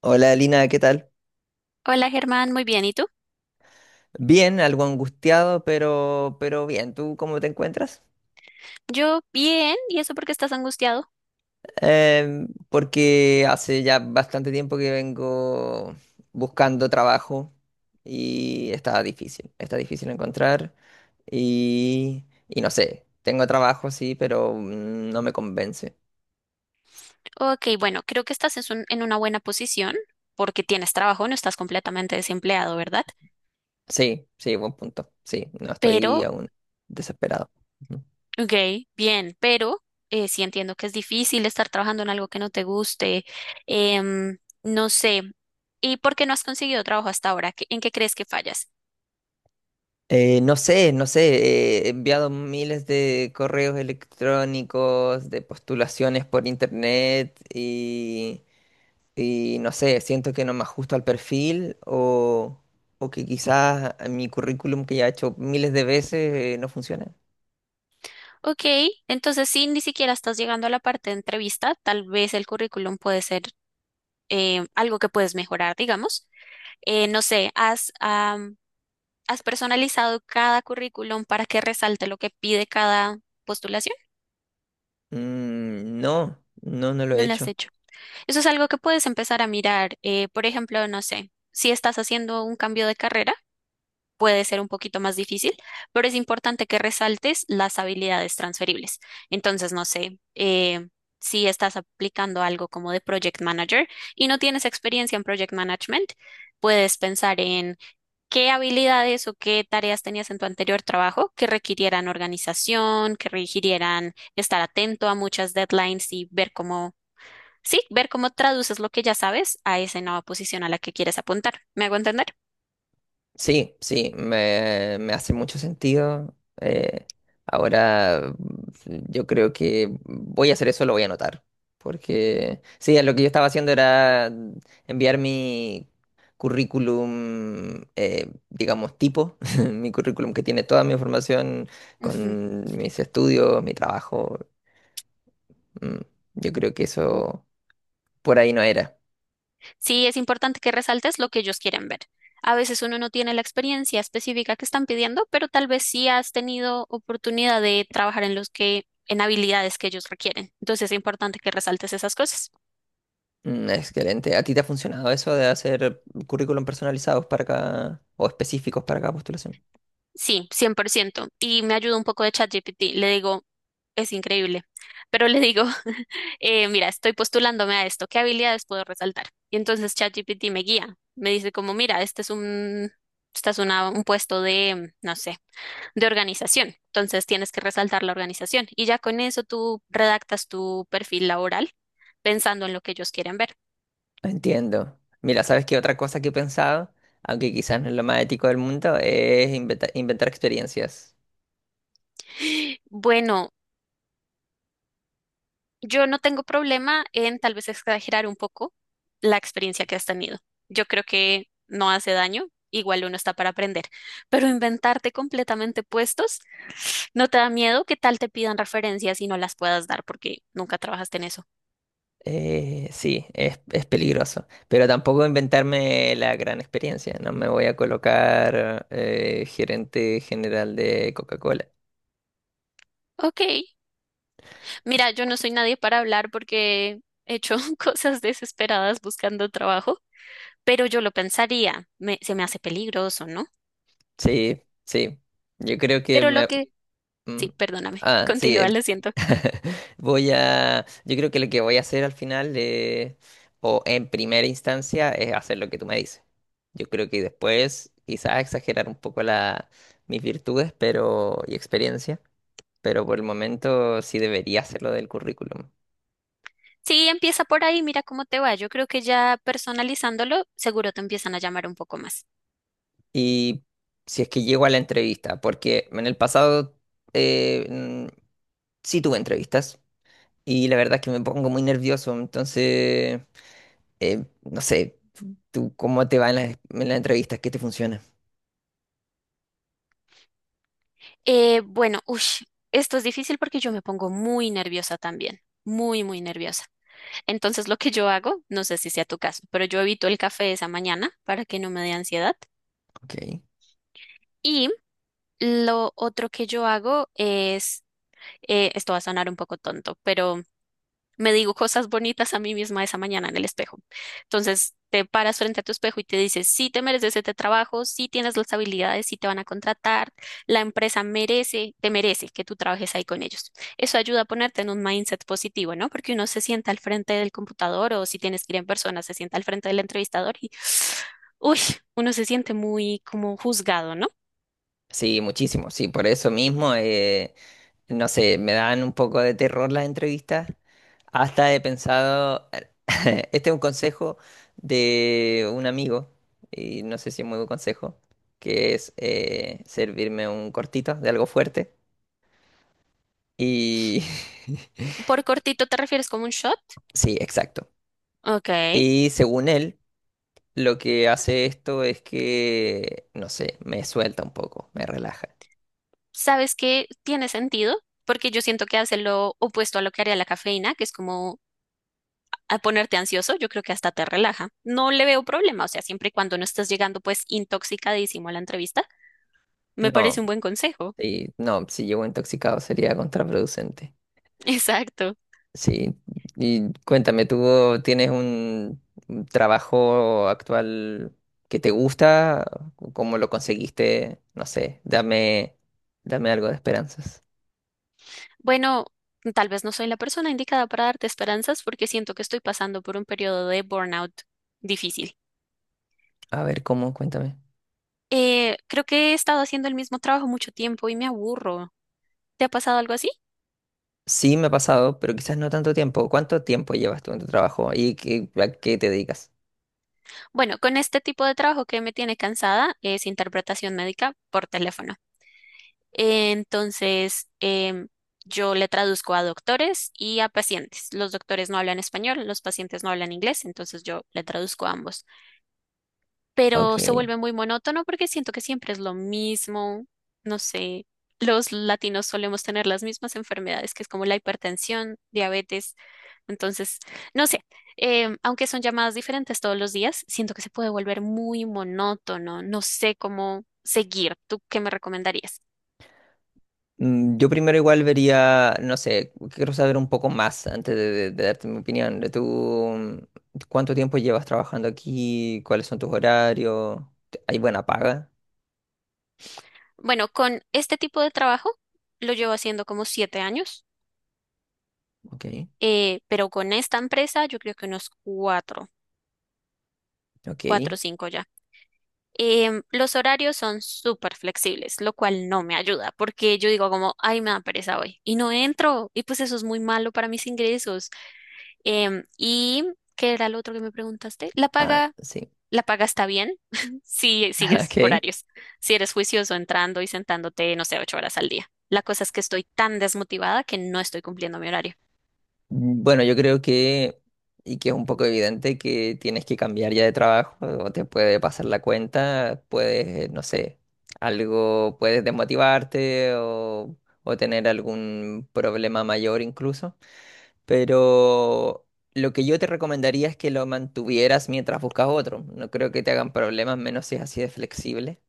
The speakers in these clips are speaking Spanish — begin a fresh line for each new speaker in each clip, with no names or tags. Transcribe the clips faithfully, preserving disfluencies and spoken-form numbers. Hola Lina, ¿qué tal?
Hola Germán, muy bien. ¿Y tú?
Bien, algo angustiado, pero, pero bien. ¿Tú cómo te encuentras?
Yo bien. ¿Y eso por qué estás angustiado?
Em, porque hace ya bastante tiempo que vengo buscando trabajo y está difícil, está difícil encontrar y, y no sé, tengo trabajo sí, pero mm, no me convence.
Ok, bueno, creo que estás es un- en una buena posición porque tienes trabajo, no estás completamente desempleado, ¿verdad?
Sí, sí, buen punto. Sí, no estoy
Pero,
aún desesperado.
ok, bien, pero eh, sí entiendo que es difícil estar trabajando en algo que no te guste. em, no sé. ¿Y por qué no has conseguido trabajo hasta ahora? ¿Qué- ¿En qué crees que fallas?
Eh, no sé, no sé, eh, he enviado miles de correos electrónicos, de postulaciones por internet y, y no sé, siento que no me ajusto al perfil o, o que quizás mi currículum que ya he hecho miles de veces eh, no funciona.
Ok, entonces sí, ni siquiera estás llegando a la parte de entrevista. Tal vez el currículum puede ser eh, algo que puedes mejorar, digamos. Eh, no sé, has, am, has personalizado cada currículum para que resalte lo que pide cada postulación.
Mm, no, no, no lo he
No lo has
hecho.
hecho. Eso es algo que puedes empezar a mirar. Eh, por ejemplo, no sé, si estás haciendo un cambio de carrera, puede ser un poquito más difícil, pero es importante que resaltes las habilidades transferibles. Entonces, no sé, eh, si estás aplicando algo como de project manager y no tienes experiencia en project management, puedes pensar en ¿qué habilidades o qué tareas tenías en tu anterior trabajo que requirieran organización, que requirieran estar atento a muchas deadlines y ver cómo, sí, ver cómo traduces lo que ya sabes a esa nueva posición a la que quieres apuntar? ¿Me hago entender?
Sí, sí, me, me hace mucho sentido. Eh, ahora mm, yo creo que voy a hacer eso, lo voy a anotar. Porque sí, lo que yo estaba haciendo era enviar mi currículum, eh, digamos, tipo, mi currículum que tiene toda mi información
Ujú.
con mis estudios, mi trabajo. Mm, Yo creo que eso por ahí no era.
Sí, es importante que resaltes lo que ellos quieren ver. A veces uno no tiene la experiencia específica que están pidiendo, pero tal vez sí has tenido oportunidad de trabajar en los que, en habilidades que ellos requieren. Entonces es importante que resaltes esas cosas.
Mm, Excelente. ¿A ti te ha funcionado eso de hacer currículum personalizados para cada, o específicos para cada postulación?
Sí, cien por ciento. Y me ayuda un poco de ChatGPT. Le digo, es increíble. Pero le digo, eh, mira, estoy postulándome a esto. ¿Qué habilidades puedo resaltar? Y entonces ChatGPT me guía. Me dice como, mira, este es un, esta es una, un puesto de, no sé, de organización. Entonces tienes que resaltar la organización. Y ya con eso tú redactas tu perfil laboral pensando en lo que ellos quieren ver.
Entiendo. Mira, ¿sabes qué otra cosa que he pensado, aunque quizás no es lo más ético del mundo, es inventa- inventar experiencias?
Bueno, yo no tengo problema en tal vez exagerar un poco la experiencia que has tenido. Yo creo que no hace daño, igual uno está para aprender, pero inventarte completamente puestos, ¿no te da miedo que tal te pidan referencias y no las puedas dar porque nunca trabajaste en eso?
Eh, sí, es, es peligroso, pero tampoco inventarme la gran experiencia. No me voy a colocar, eh, gerente general de Coca-Cola.
Ok, mira, yo no soy nadie para hablar porque he hecho cosas desesperadas buscando trabajo, pero yo lo pensaría, me- se me hace peligroso, ¿no?
Sí, sí. Yo creo que
Pero lo
me.
que...
Mm.
Sí, perdóname,
Ah, sí.
continúa,
eh,
lo siento.
Voy a. Yo creo que lo que voy a hacer al final, eh, o en primera instancia, es hacer lo que tú me dices. Yo creo que después, quizás exagerar un poco la, mis virtudes, pero y experiencia, pero por el momento sí debería hacerlo del currículum.
Sí, empieza por ahí, mira cómo te va. Yo creo que ya personalizándolo, seguro te empiezan a llamar un poco más.
Y si es que llego a la entrevista, porque en el pasado eh, mm, sí tuve entrevistas y la verdad es que me pongo muy nervioso, entonces. Eh, no sé, tú, ¿cómo te va en las, en las entrevistas? ¿Qué te funciona?
Eh, bueno, ush, esto es difícil porque yo me pongo muy nerviosa también, muy, muy nerviosa. Entonces, lo que yo hago, no sé si sea tu caso, pero yo evito el café esa mañana para que no me dé ansiedad.
Ok.
Y lo otro que yo hago es, eh, esto va a sonar un poco tonto, pero me digo cosas bonitas a mí misma esa mañana en el espejo. Entonces, te paras frente a tu espejo y te dices, sí te mereces este trabajo, sí tienes las habilidades, sí te van a contratar, la empresa merece, te merece que tú trabajes ahí con ellos. Eso ayuda a ponerte en un mindset positivo, ¿no? Porque uno se sienta al frente del computador o si tienes que ir en persona, se sienta al frente del entrevistador y, uy, uno se siente muy como juzgado, ¿no?
Sí, muchísimo, sí, por eso mismo, eh, no sé, me dan un poco de terror las entrevistas. Hasta he pensado, este es un consejo de un amigo, y no sé si es muy buen consejo, que es, eh, servirme un cortito de algo fuerte. Y
Por cortito te refieres como un shot.
sí, exacto.
Ok.
Y según él, lo que hace esto es que, no sé, me suelta un poco, me relaja.
¿Sabes qué tiene sentido? Porque yo siento que hace lo opuesto a lo que haría la cafeína, que es como a ponerte ansioso, yo creo que hasta te relaja. No le veo problema, o sea, siempre y cuando no estés llegando pues intoxicadísimo a la entrevista, me
No,
parece un buen consejo.
sí, no, si llego intoxicado sería contraproducente.
Exacto.
Sí, y cuéntame, ¿tú tienes un un trabajo actual que te gusta? ¿Cómo lo conseguiste? No sé, dame, dame algo de esperanzas.
Bueno, tal vez no soy la persona indicada para darte esperanzas porque siento que estoy pasando por un periodo de burnout difícil.
A ver, ¿cómo? Cuéntame.
Eh, creo que he estado haciendo el mismo trabajo mucho tiempo y me aburro. ¿Te ha pasado algo así?
Sí, me ha pasado, pero quizás no tanto tiempo. ¿Cuánto tiempo llevas tú en tu trabajo y qué- a qué te dedicas?
Bueno, con este tipo de trabajo que me tiene cansada es interpretación médica por teléfono. Entonces, em, yo le traduzco a doctores y a pacientes. Los doctores no hablan español, los pacientes no hablan inglés, entonces yo le traduzco a ambos
Ok.
pero se vuelve muy monótono porque siento que siempre es lo mismo, no sé, los latinos solemos tener las mismas enfermedades, que es como la hipertensión, diabetes, entonces, no sé, em, aunque son llamadas diferentes todos los días, siento que se puede volver muy monótono, no sé cómo seguir, ¿tú qué me recomendarías?
Mm, Yo primero igual vería, no sé, quiero saber un poco más antes de, de- de darte mi opinión. De. ¿Tú mm, cuánto tiempo llevas trabajando aquí? ¿Cuáles son tus horarios? ¿Te- ¿Hay buena paga?
Bueno, con este tipo de trabajo lo llevo haciendo como siete años,
Ok,
eh, pero con esta empresa yo creo que unos cuatro, cuatro
ok.
o cinco ya. Em, los horarios son súper flexibles, lo cual no me ayuda, porque yo digo como, ay, me da pereza hoy, y no entro, y pues eso es muy malo para mis ingresos. Em, ¿y qué era lo otro que me preguntaste? La
Ah,
paga,
sí.
la paga está bien si sigues
Ok.
horarios, si eres juicioso entrando y sentándote, no sé, ocho horas al día. La cosa es que estoy tan desmotivada que no estoy cumpliendo mi horario.
Mm, Bueno, yo creo que, y que es un poco evidente que tienes que cambiar ya de trabajo o te puede pasar la cuenta, puedes, no sé, algo, puedes desmotivarte o, o tener algún problema mayor incluso. Pero lo que yo te recomendaría es que lo mantuvieras mientras buscas otro. No creo que te hagan problemas, menos si es así de flexible,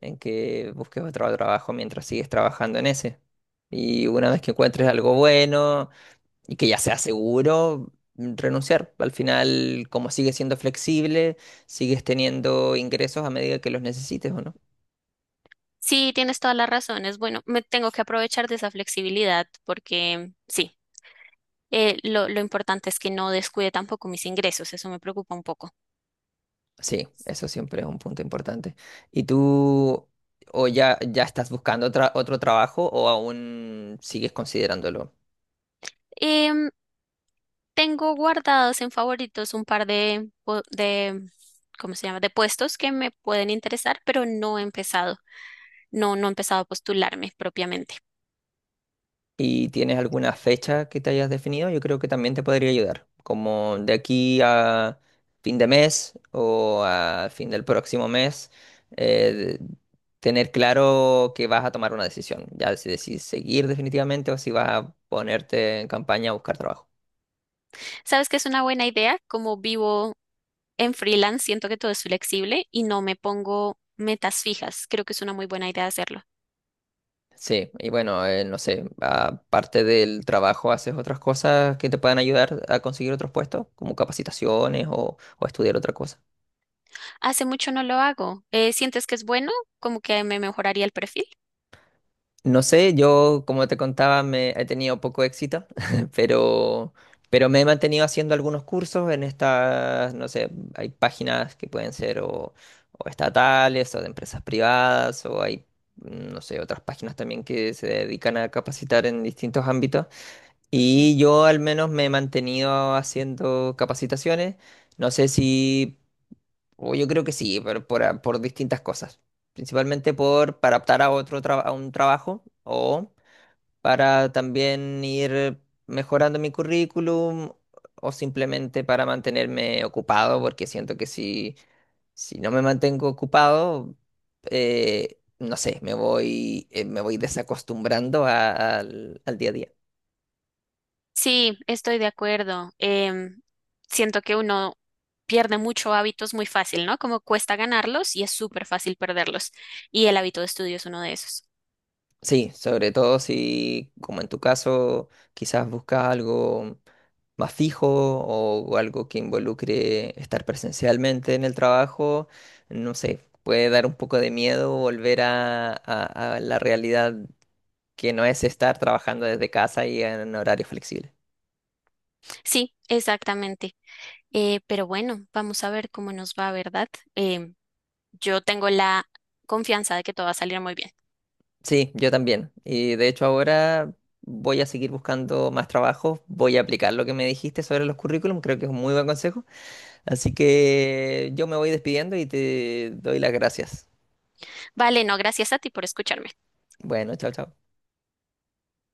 en que busques otro trabajo mientras sigues trabajando en ese. Y una vez que encuentres
Ujú.
algo bueno y que ya sea seguro, mm, renunciar. Al final, como sigues siendo flexible, sigues teniendo ingresos a medida que los necesites, ¿o no?
Sí, tienes todas las razones. Bueno, me tengo que aprovechar de esa flexibilidad porque sí, eh, lo, lo importante es que no descuide tampoco mis ingresos, eso me preocupa un poco.
Sí, eso siempre es un punto importante. ¿Y tú o ya, ya estás buscando otra- otro trabajo o aún sigues considerándolo?
Em, Tengo guardados en favoritos un par de, pu- de, ¿cómo se llama? De puestos que me pueden interesar, pero no he empezado, no, no he empezado a postularme propiamente.
¿Y tienes alguna fecha que te hayas definido? Yo creo que también te podría ayudar, como de aquí a fin de mes o a fin del próximo mes, eh, tener claro que vas a tomar una decisión, ya si decides seguir definitivamente o si vas a ponerte en campaña a buscar trabajo.
¿Sabes que es una buena idea? Como vivo en freelance, siento que todo es flexible y no me pongo metas fijas. Creo que es una muy buena idea hacerlo.
Sí, y bueno, eh, no sé, aparte del trabajo, ¿haces otras cosas que te puedan ayudar a conseguir otros puestos, como capacitaciones o, o estudiar otra cosa?
Hace mucho no lo hago. Eh, ¿sientes que es bueno? ¿Como que me mejoraría el perfil?
No sé, yo, como te contaba, me he tenido poco éxito, pero, pero me he mantenido haciendo algunos cursos en estas, no sé, hay páginas que pueden ser o, o estatales o de empresas privadas o hay, no sé, otras páginas también que se dedican a capacitar en distintos ámbitos.
Ujú.
Y yo al menos me he mantenido haciendo capacitaciones. No sé si, o yo creo que sí, pero por, a- por distintas cosas. Principalmente por para optar a otro traba- a un trabajo o para también ir mejorando mi currículum o simplemente para mantenerme ocupado, porque siento que si, si no me mantengo ocupado, eh, no sé, me voy, eh, me voy desacostumbrando a- al al día a día.
Sí, estoy de acuerdo. Em, siento que uno pierde mucho hábitos muy fácil, ¿no? Como cuesta ganarlos y es súper fácil perderlos. Y el hábito de estudio es uno de esos.
Sí, sobre todo si, como en tu caso, quizás buscas algo más fijo o algo que involucre estar presencialmente en el trabajo, no sé, puede dar un poco de miedo volver a, a- a la realidad que no es estar trabajando desde casa y en horario flexible.
Sí, exactamente. Eh, pero bueno, vamos a ver cómo nos va, ¿verdad? Em, yo tengo la confianza de que todo va a salir muy bien.
Sí, yo también. Y de hecho ahora voy a seguir buscando más trabajos, voy a aplicar lo que me dijiste sobre los currículum, creo que es un muy buen consejo. Así que yo me voy despidiendo y te doy las gracias.
Vale, no, gracias a ti por escucharme.
Bueno, chao, chao.